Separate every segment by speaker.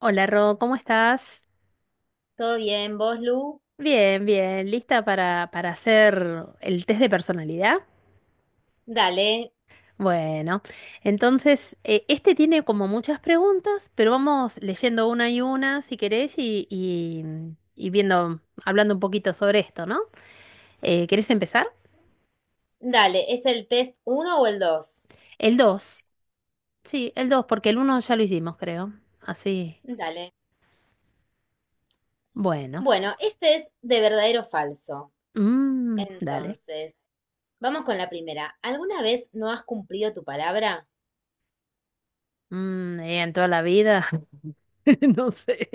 Speaker 1: Hola Ro, ¿cómo estás?
Speaker 2: Todo bien, vos, Lu.
Speaker 1: Bien, bien, ¿lista para hacer el test de personalidad?
Speaker 2: Dale,
Speaker 1: Bueno, entonces este tiene como muchas preguntas, pero vamos leyendo una y una si querés y viendo, hablando un poquito sobre esto, ¿no? ¿Querés empezar?
Speaker 2: dale. ¿Es el test uno o el dos?
Speaker 1: El 2. Sí, el 2, porque el uno ya lo hicimos, creo. Así,
Speaker 2: Dale.
Speaker 1: bueno.
Speaker 2: Bueno, este es de verdadero o falso.
Speaker 1: Mm, dale.
Speaker 2: Entonces, vamos con la primera. ¿Alguna vez no has cumplido tu palabra?
Speaker 1: En toda la vida. No sé.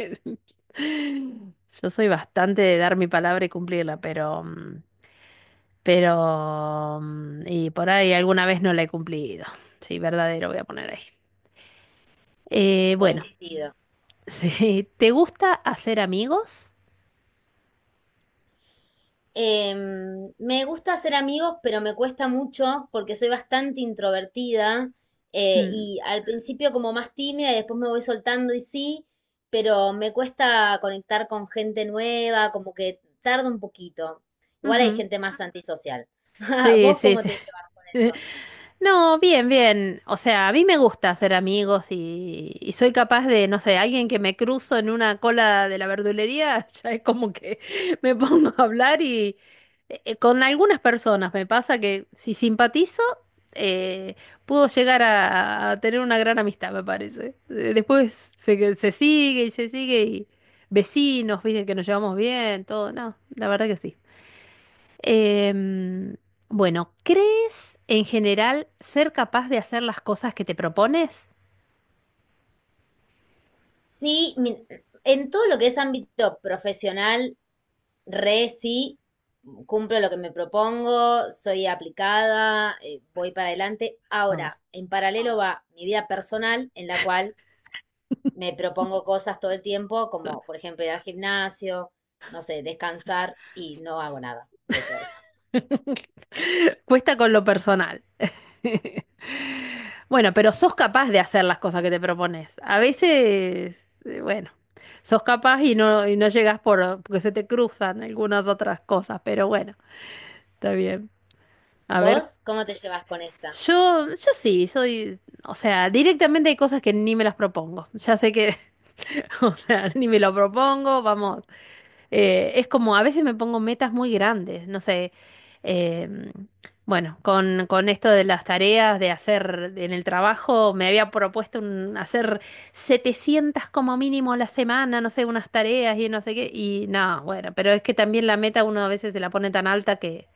Speaker 1: Yo soy bastante de dar mi palabra y cumplirla, pero, y por ahí alguna vez no la he cumplido. Sí, verdadero voy a poner ahí. Bueno.
Speaker 2: Coincido.
Speaker 1: Sí, ¿te gusta hacer amigos?
Speaker 2: Me gusta hacer amigos, pero me cuesta mucho porque soy bastante introvertida
Speaker 1: Mm,
Speaker 2: y al principio como más tímida y después me voy soltando y sí, pero me cuesta conectar con gente nueva, como que tarda un poquito. Igual hay
Speaker 1: ujú.
Speaker 2: gente más antisocial.
Speaker 1: Sí,
Speaker 2: ¿Vos
Speaker 1: sí,
Speaker 2: cómo
Speaker 1: sí.
Speaker 2: te llevas con eso?
Speaker 1: No, bien, bien. O sea, a mí me gusta hacer amigos y soy capaz de, no sé, alguien que me cruzo en una cola de la verdulería, ya es como que me pongo a hablar y con algunas personas me pasa que si simpatizo, eh, puedo llegar a tener una gran amistad, me parece. Después se sigue y vecinos, viste que nos llevamos bien, todo. No, la verdad que sí. Em, bueno, ¿crees en general ser capaz de hacer las cosas que te propones?
Speaker 2: Sí, en todo lo que es ámbito profesional re sí, cumplo lo que me propongo, soy aplicada, voy para adelante.
Speaker 1: Ah.
Speaker 2: Ahora, en paralelo va mi vida personal, en la cual me propongo cosas todo el tiempo, como por ejemplo ir al gimnasio, no sé, descansar y no hago nada de eso.
Speaker 1: Cuesta con lo personal. Bueno, pero sos capaz de hacer las cosas que te propones. A veces, bueno, sos capaz y no llegas porque se te cruzan algunas otras cosas, pero bueno, está bien. A ver,
Speaker 2: ¿Vos cómo te llevas con esta?
Speaker 1: yo sí, soy, o sea, directamente hay cosas que ni me las propongo. Ya sé que o sea, ni me lo propongo, vamos. Es como, a veces me pongo metas muy grandes, no sé. em, bueno, con esto de las tareas de hacer en el trabajo, me había propuesto hacer 700 como mínimo a la semana, no sé, unas tareas y no sé qué. Y no, bueno, pero es que también la meta uno a veces se la pone tan alta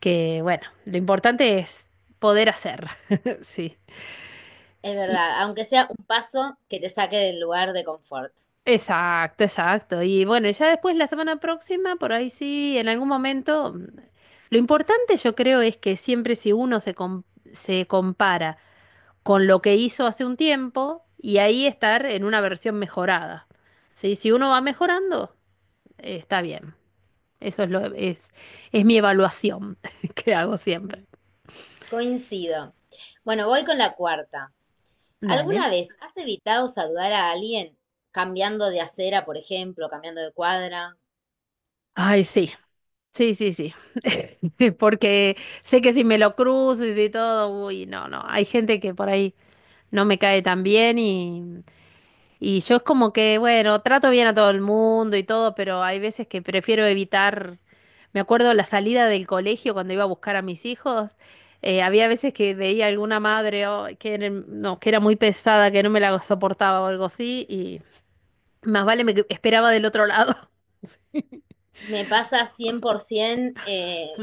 Speaker 1: que bueno, lo importante es poder hacer. Sí.
Speaker 2: Es
Speaker 1: ¿Y
Speaker 2: verdad, aunque sea un paso que te saque del lugar de confort.
Speaker 1: exacto, exacto? Y bueno, ya después la semana próxima, por ahí sí, en algún momento. Mm, lo importante yo creo es que siempre si uno se compara con lo que hizo hace un tiempo y ahí estar en una versión mejorada. ¿Sí? Si uno va mejorando, está bien. Eso es mi evaluación que hago siempre.
Speaker 2: Ujú. Coincido. Bueno, voy con la cuarta.
Speaker 1: Dale.
Speaker 2: ¿Alguna vez has evitado saludar a alguien cambiando de acera, por ejemplo, cambiando de cuadra?
Speaker 1: Ay, sí, sí, sí, sí. Porque sé que si me lo cruzo y si todo, uy, no, no. Hay gente que por ahí no me cae tan bien, y yo es como que, bueno, trato bien a todo el mundo y todo, pero hay veces que prefiero evitar. Me acuerdo la salida del colegio cuando iba a buscar a mis hijos. Había veces que veía alguna madre oh, era, no, que era muy pesada, que no me la soportaba o algo así, y más vale esperaba del otro lado. Sí.
Speaker 2: Me pasa 100%,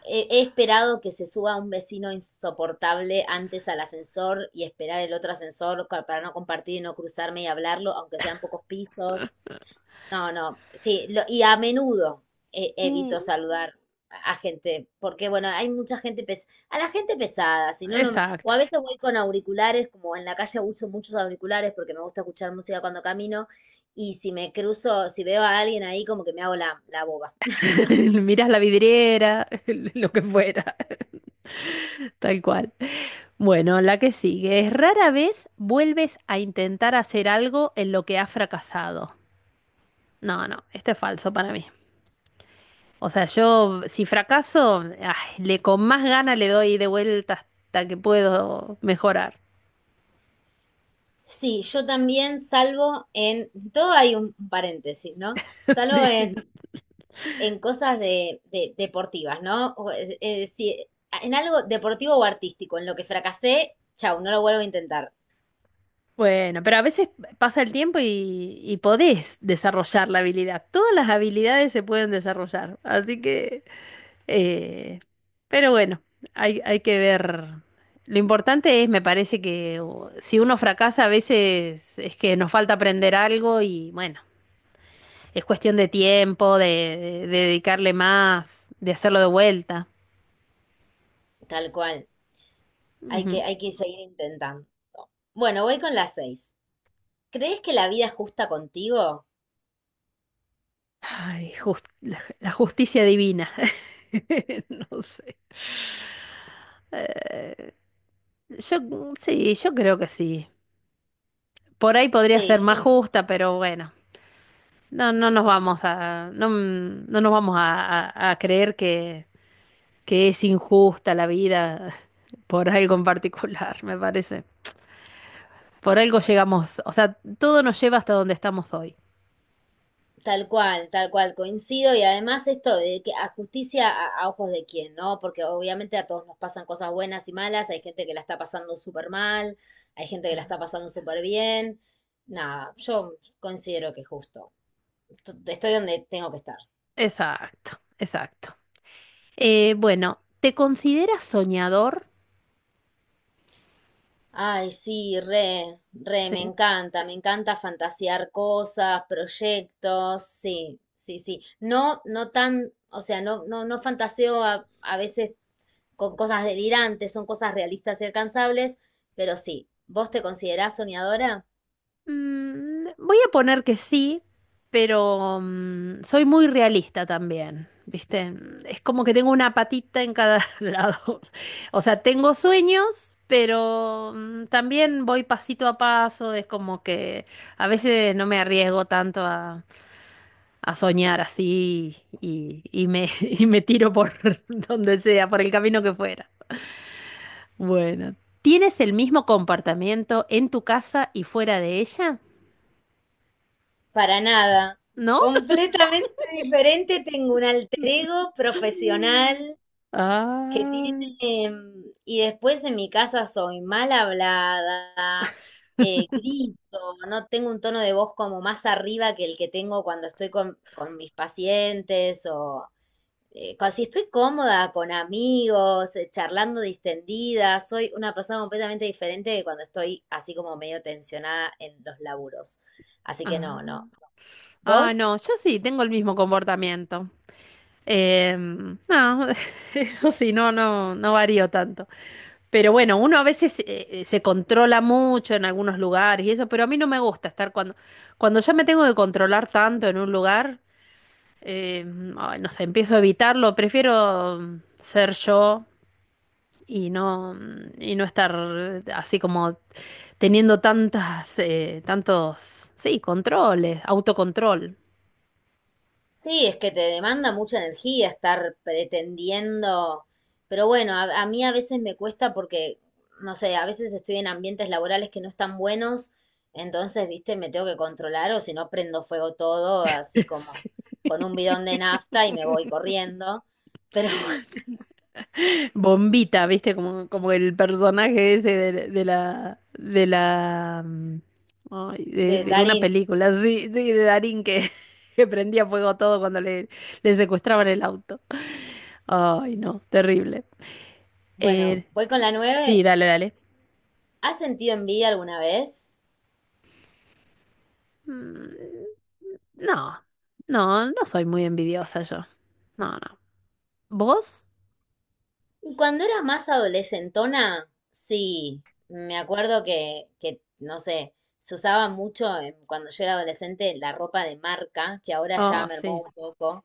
Speaker 2: he esperado que se suba un vecino insoportable antes al ascensor y esperar el otro ascensor para no compartir y no cruzarme y hablarlo, aunque sean pocos pisos. No, no, sí, y a menudo
Speaker 1: Mm.
Speaker 2: evito saludar a gente, porque bueno, hay mucha gente a la gente pesada, si no, no, o
Speaker 1: Exacto.
Speaker 2: a veces voy con auriculares, como en la calle uso muchos auriculares porque me gusta escuchar música cuando camino, y si me cruzo, si veo a alguien ahí, como que me hago la boba.
Speaker 1: Miras la vidriera, lo que fuera, tal cual. Bueno, la que sigue es rara vez vuelves a intentar hacer algo en lo que has fracasado. No, no, este es falso para mí. O sea, yo si fracaso, ay, le con más ganas le doy de vuelta hasta que puedo mejorar.
Speaker 2: Sí, yo también salvo en, todo hay un paréntesis, ¿no? Salvo
Speaker 1: Sí.
Speaker 2: en cosas de, deportivas, ¿no? O, en algo deportivo o artístico, en lo que fracasé, chau, no lo vuelvo a intentar,
Speaker 1: Bueno, pero a veces pasa el tiempo y podés desarrollar la habilidad. Todas las habilidades se pueden desarrollar. Así que eh, pero bueno, hay que ver. Lo importante es, me parece que si uno fracasa a veces es que nos falta aprender algo y bueno, es cuestión de tiempo, de dedicarle más, de hacerlo de vuelta.
Speaker 2: tal cual.
Speaker 1: Ujú.
Speaker 2: Hay que seguir intentando. Bueno, voy con las seis. ¿Crees que la vida es justa contigo?
Speaker 1: Ay, la justicia divina. No sé. Eh, yo sí, yo creo que sí. Por ahí podría
Speaker 2: Sí,
Speaker 1: ser más
Speaker 2: yo.
Speaker 1: justa, pero bueno, no, no nos vamos a, no, no nos vamos a creer que es injusta la vida por algo en particular, me parece. Por algo llegamos, o sea, todo nos lleva hasta donde estamos hoy.
Speaker 2: Tal cual, coincido. Y además esto de que a justicia a ojos de quién, ¿no? Porque obviamente a todos nos pasan cosas buenas y malas, hay gente que la está pasando súper mal, hay gente que la está pasando súper bien. Nada, yo considero que justo. Estoy donde tengo que estar.
Speaker 1: Exacto, exacto. Bueno, ¿te consideras soñador?
Speaker 2: Ay, sí, re, re,
Speaker 1: Sí.
Speaker 2: me encanta fantasear cosas, proyectos, sí, sí, sí. No, no tan, o sea, no, no, no fantaseo a veces con cosas delirantes, son cosas realistas y alcanzables, pero sí, ¿vos te considerás soñadora?
Speaker 1: Mm, voy a poner que sí, pero soy muy realista también, ¿viste? Es como que tengo una patita en cada lado. O sea, tengo sueños, pero también voy pasito a paso. Es como que a veces no me arriesgo tanto a soñar así y me tiro por donde sea, por el camino que fuera. Bueno, ¿tienes el mismo comportamiento en tu casa y fuera de ella?
Speaker 2: Para nada.
Speaker 1: ¿No?
Speaker 2: Completamente diferente, tengo un alter ego profesional que tiene,
Speaker 1: Ah,
Speaker 2: y después en mi casa soy mal hablada, grito, no tengo un tono de voz como más arriba que el que tengo cuando estoy con mis pacientes o si estoy cómoda con amigos, charlando distendida, soy una persona completamente diferente de cuando estoy así como medio tensionada en los laburos. Así que
Speaker 1: ah.
Speaker 2: no, no.
Speaker 1: Ah,
Speaker 2: ¿Vos?
Speaker 1: no, yo sí tengo el mismo comportamiento. Em, no, eso sí, no, no, no varío tanto. Pero bueno, uno a veces se controla mucho en algunos lugares y eso, pero a mí no me gusta estar cuando cuando ya me tengo que controlar tanto en un lugar, eh, ay, no sé, empiezo a evitarlo, prefiero ser yo y no, y no estar así como teniendo tantas, tantos, sí, controles, autocontrol.
Speaker 2: Sí, es que te demanda mucha energía estar pretendiendo, pero bueno, a mí a veces me cuesta porque, no sé, a veces estoy en ambientes laborales que no están buenos, entonces, viste, me tengo que controlar o si no prendo fuego todo, así como con un bidón de
Speaker 1: Sí.
Speaker 2: nafta y me voy corriendo. Pero
Speaker 1: Bombita, ¿viste? Como, como el personaje ese de la ay,
Speaker 2: de
Speaker 1: de una
Speaker 2: Darín.
Speaker 1: película, sí, sí, de Darín que, que prendía fuego todo cuando le secuestraban el auto. Ay, no, terrible.
Speaker 2: Bueno,
Speaker 1: Eh,
Speaker 2: voy con la nueve.
Speaker 1: sí, dale, dale.
Speaker 2: ¿Has sentido envidia alguna vez?
Speaker 1: Mm, no, no, no soy muy envidiosa yo. No, no. ¿Vos?
Speaker 2: Cuando era más adolescentona, sí. Me acuerdo que, no sé, se usaba mucho cuando yo era adolescente la ropa de marca, que ahora ya
Speaker 1: Oh,
Speaker 2: mermó
Speaker 1: sí.
Speaker 2: un poco.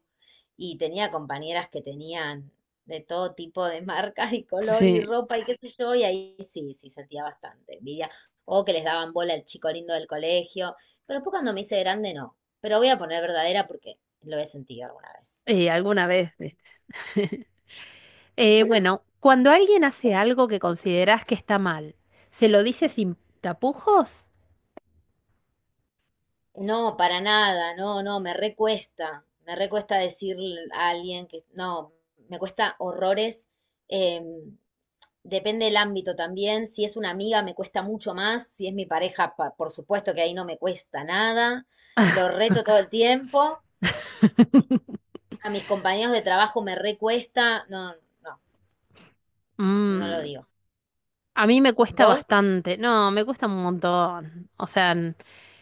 Speaker 2: Y tenía compañeras que tenían de todo tipo de marcas y color y
Speaker 1: Sí.
Speaker 2: ropa y qué sé yo, y ahí sí, sí sentía bastante envidia. O que les daban bola al chico lindo del colegio, pero después cuando me hice grande no. Pero voy a poner verdadera porque lo he sentido alguna vez.
Speaker 1: Y alguna vez, ¿viste? Bueno, cuando alguien hace algo que consideras que está mal, ¿se lo dices sin tapujos?
Speaker 2: No, para nada, no, no, me recuesta decir a alguien que no, me cuesta horrores. em, Depende del ámbito también, si es una amiga me cuesta mucho más, si es mi pareja, por supuesto que ahí no me cuesta nada, lo reto todo el tiempo, a mis compañeros de trabajo me recuesta, no, no, no lo
Speaker 1: Mm,
Speaker 2: digo.
Speaker 1: a mí me cuesta
Speaker 2: ¿Vos?
Speaker 1: bastante. No, me cuesta un montón. O sea,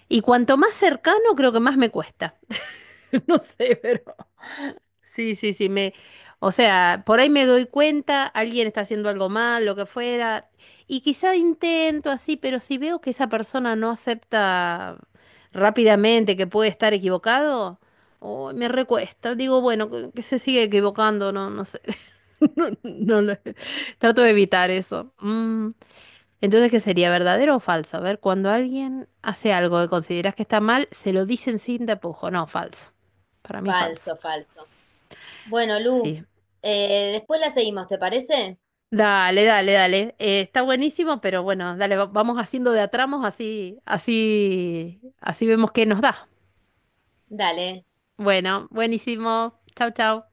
Speaker 1: y cuanto más cercano, creo que más me cuesta. No sé, pero. Sí, sí, sí, me, o sea, por ahí me doy cuenta, alguien está haciendo algo mal, lo que fuera, y quizá intento así, pero si veo que esa persona no acepta rápidamente que puede estar equivocado, oh, me recuesta, digo, bueno, que se sigue equivocando, no, no sé, no, no lo- trato de evitar eso. Mm, entonces, ¿qué sería verdadero o falso? A ver, cuando alguien hace algo que consideras que está mal, se lo dicen sin tapujo, no, falso, para mí falso.
Speaker 2: Falso, falso. Bueno, Lu,
Speaker 1: Sí.
Speaker 2: después la seguimos, ¿te parece?
Speaker 1: Dale, dale, dale. Está buenísimo, pero bueno, dale, vamos haciendo de a tramos, así, así, así vemos qué nos da.
Speaker 2: Dale.
Speaker 1: Bueno, buenísimo. Chau, chau.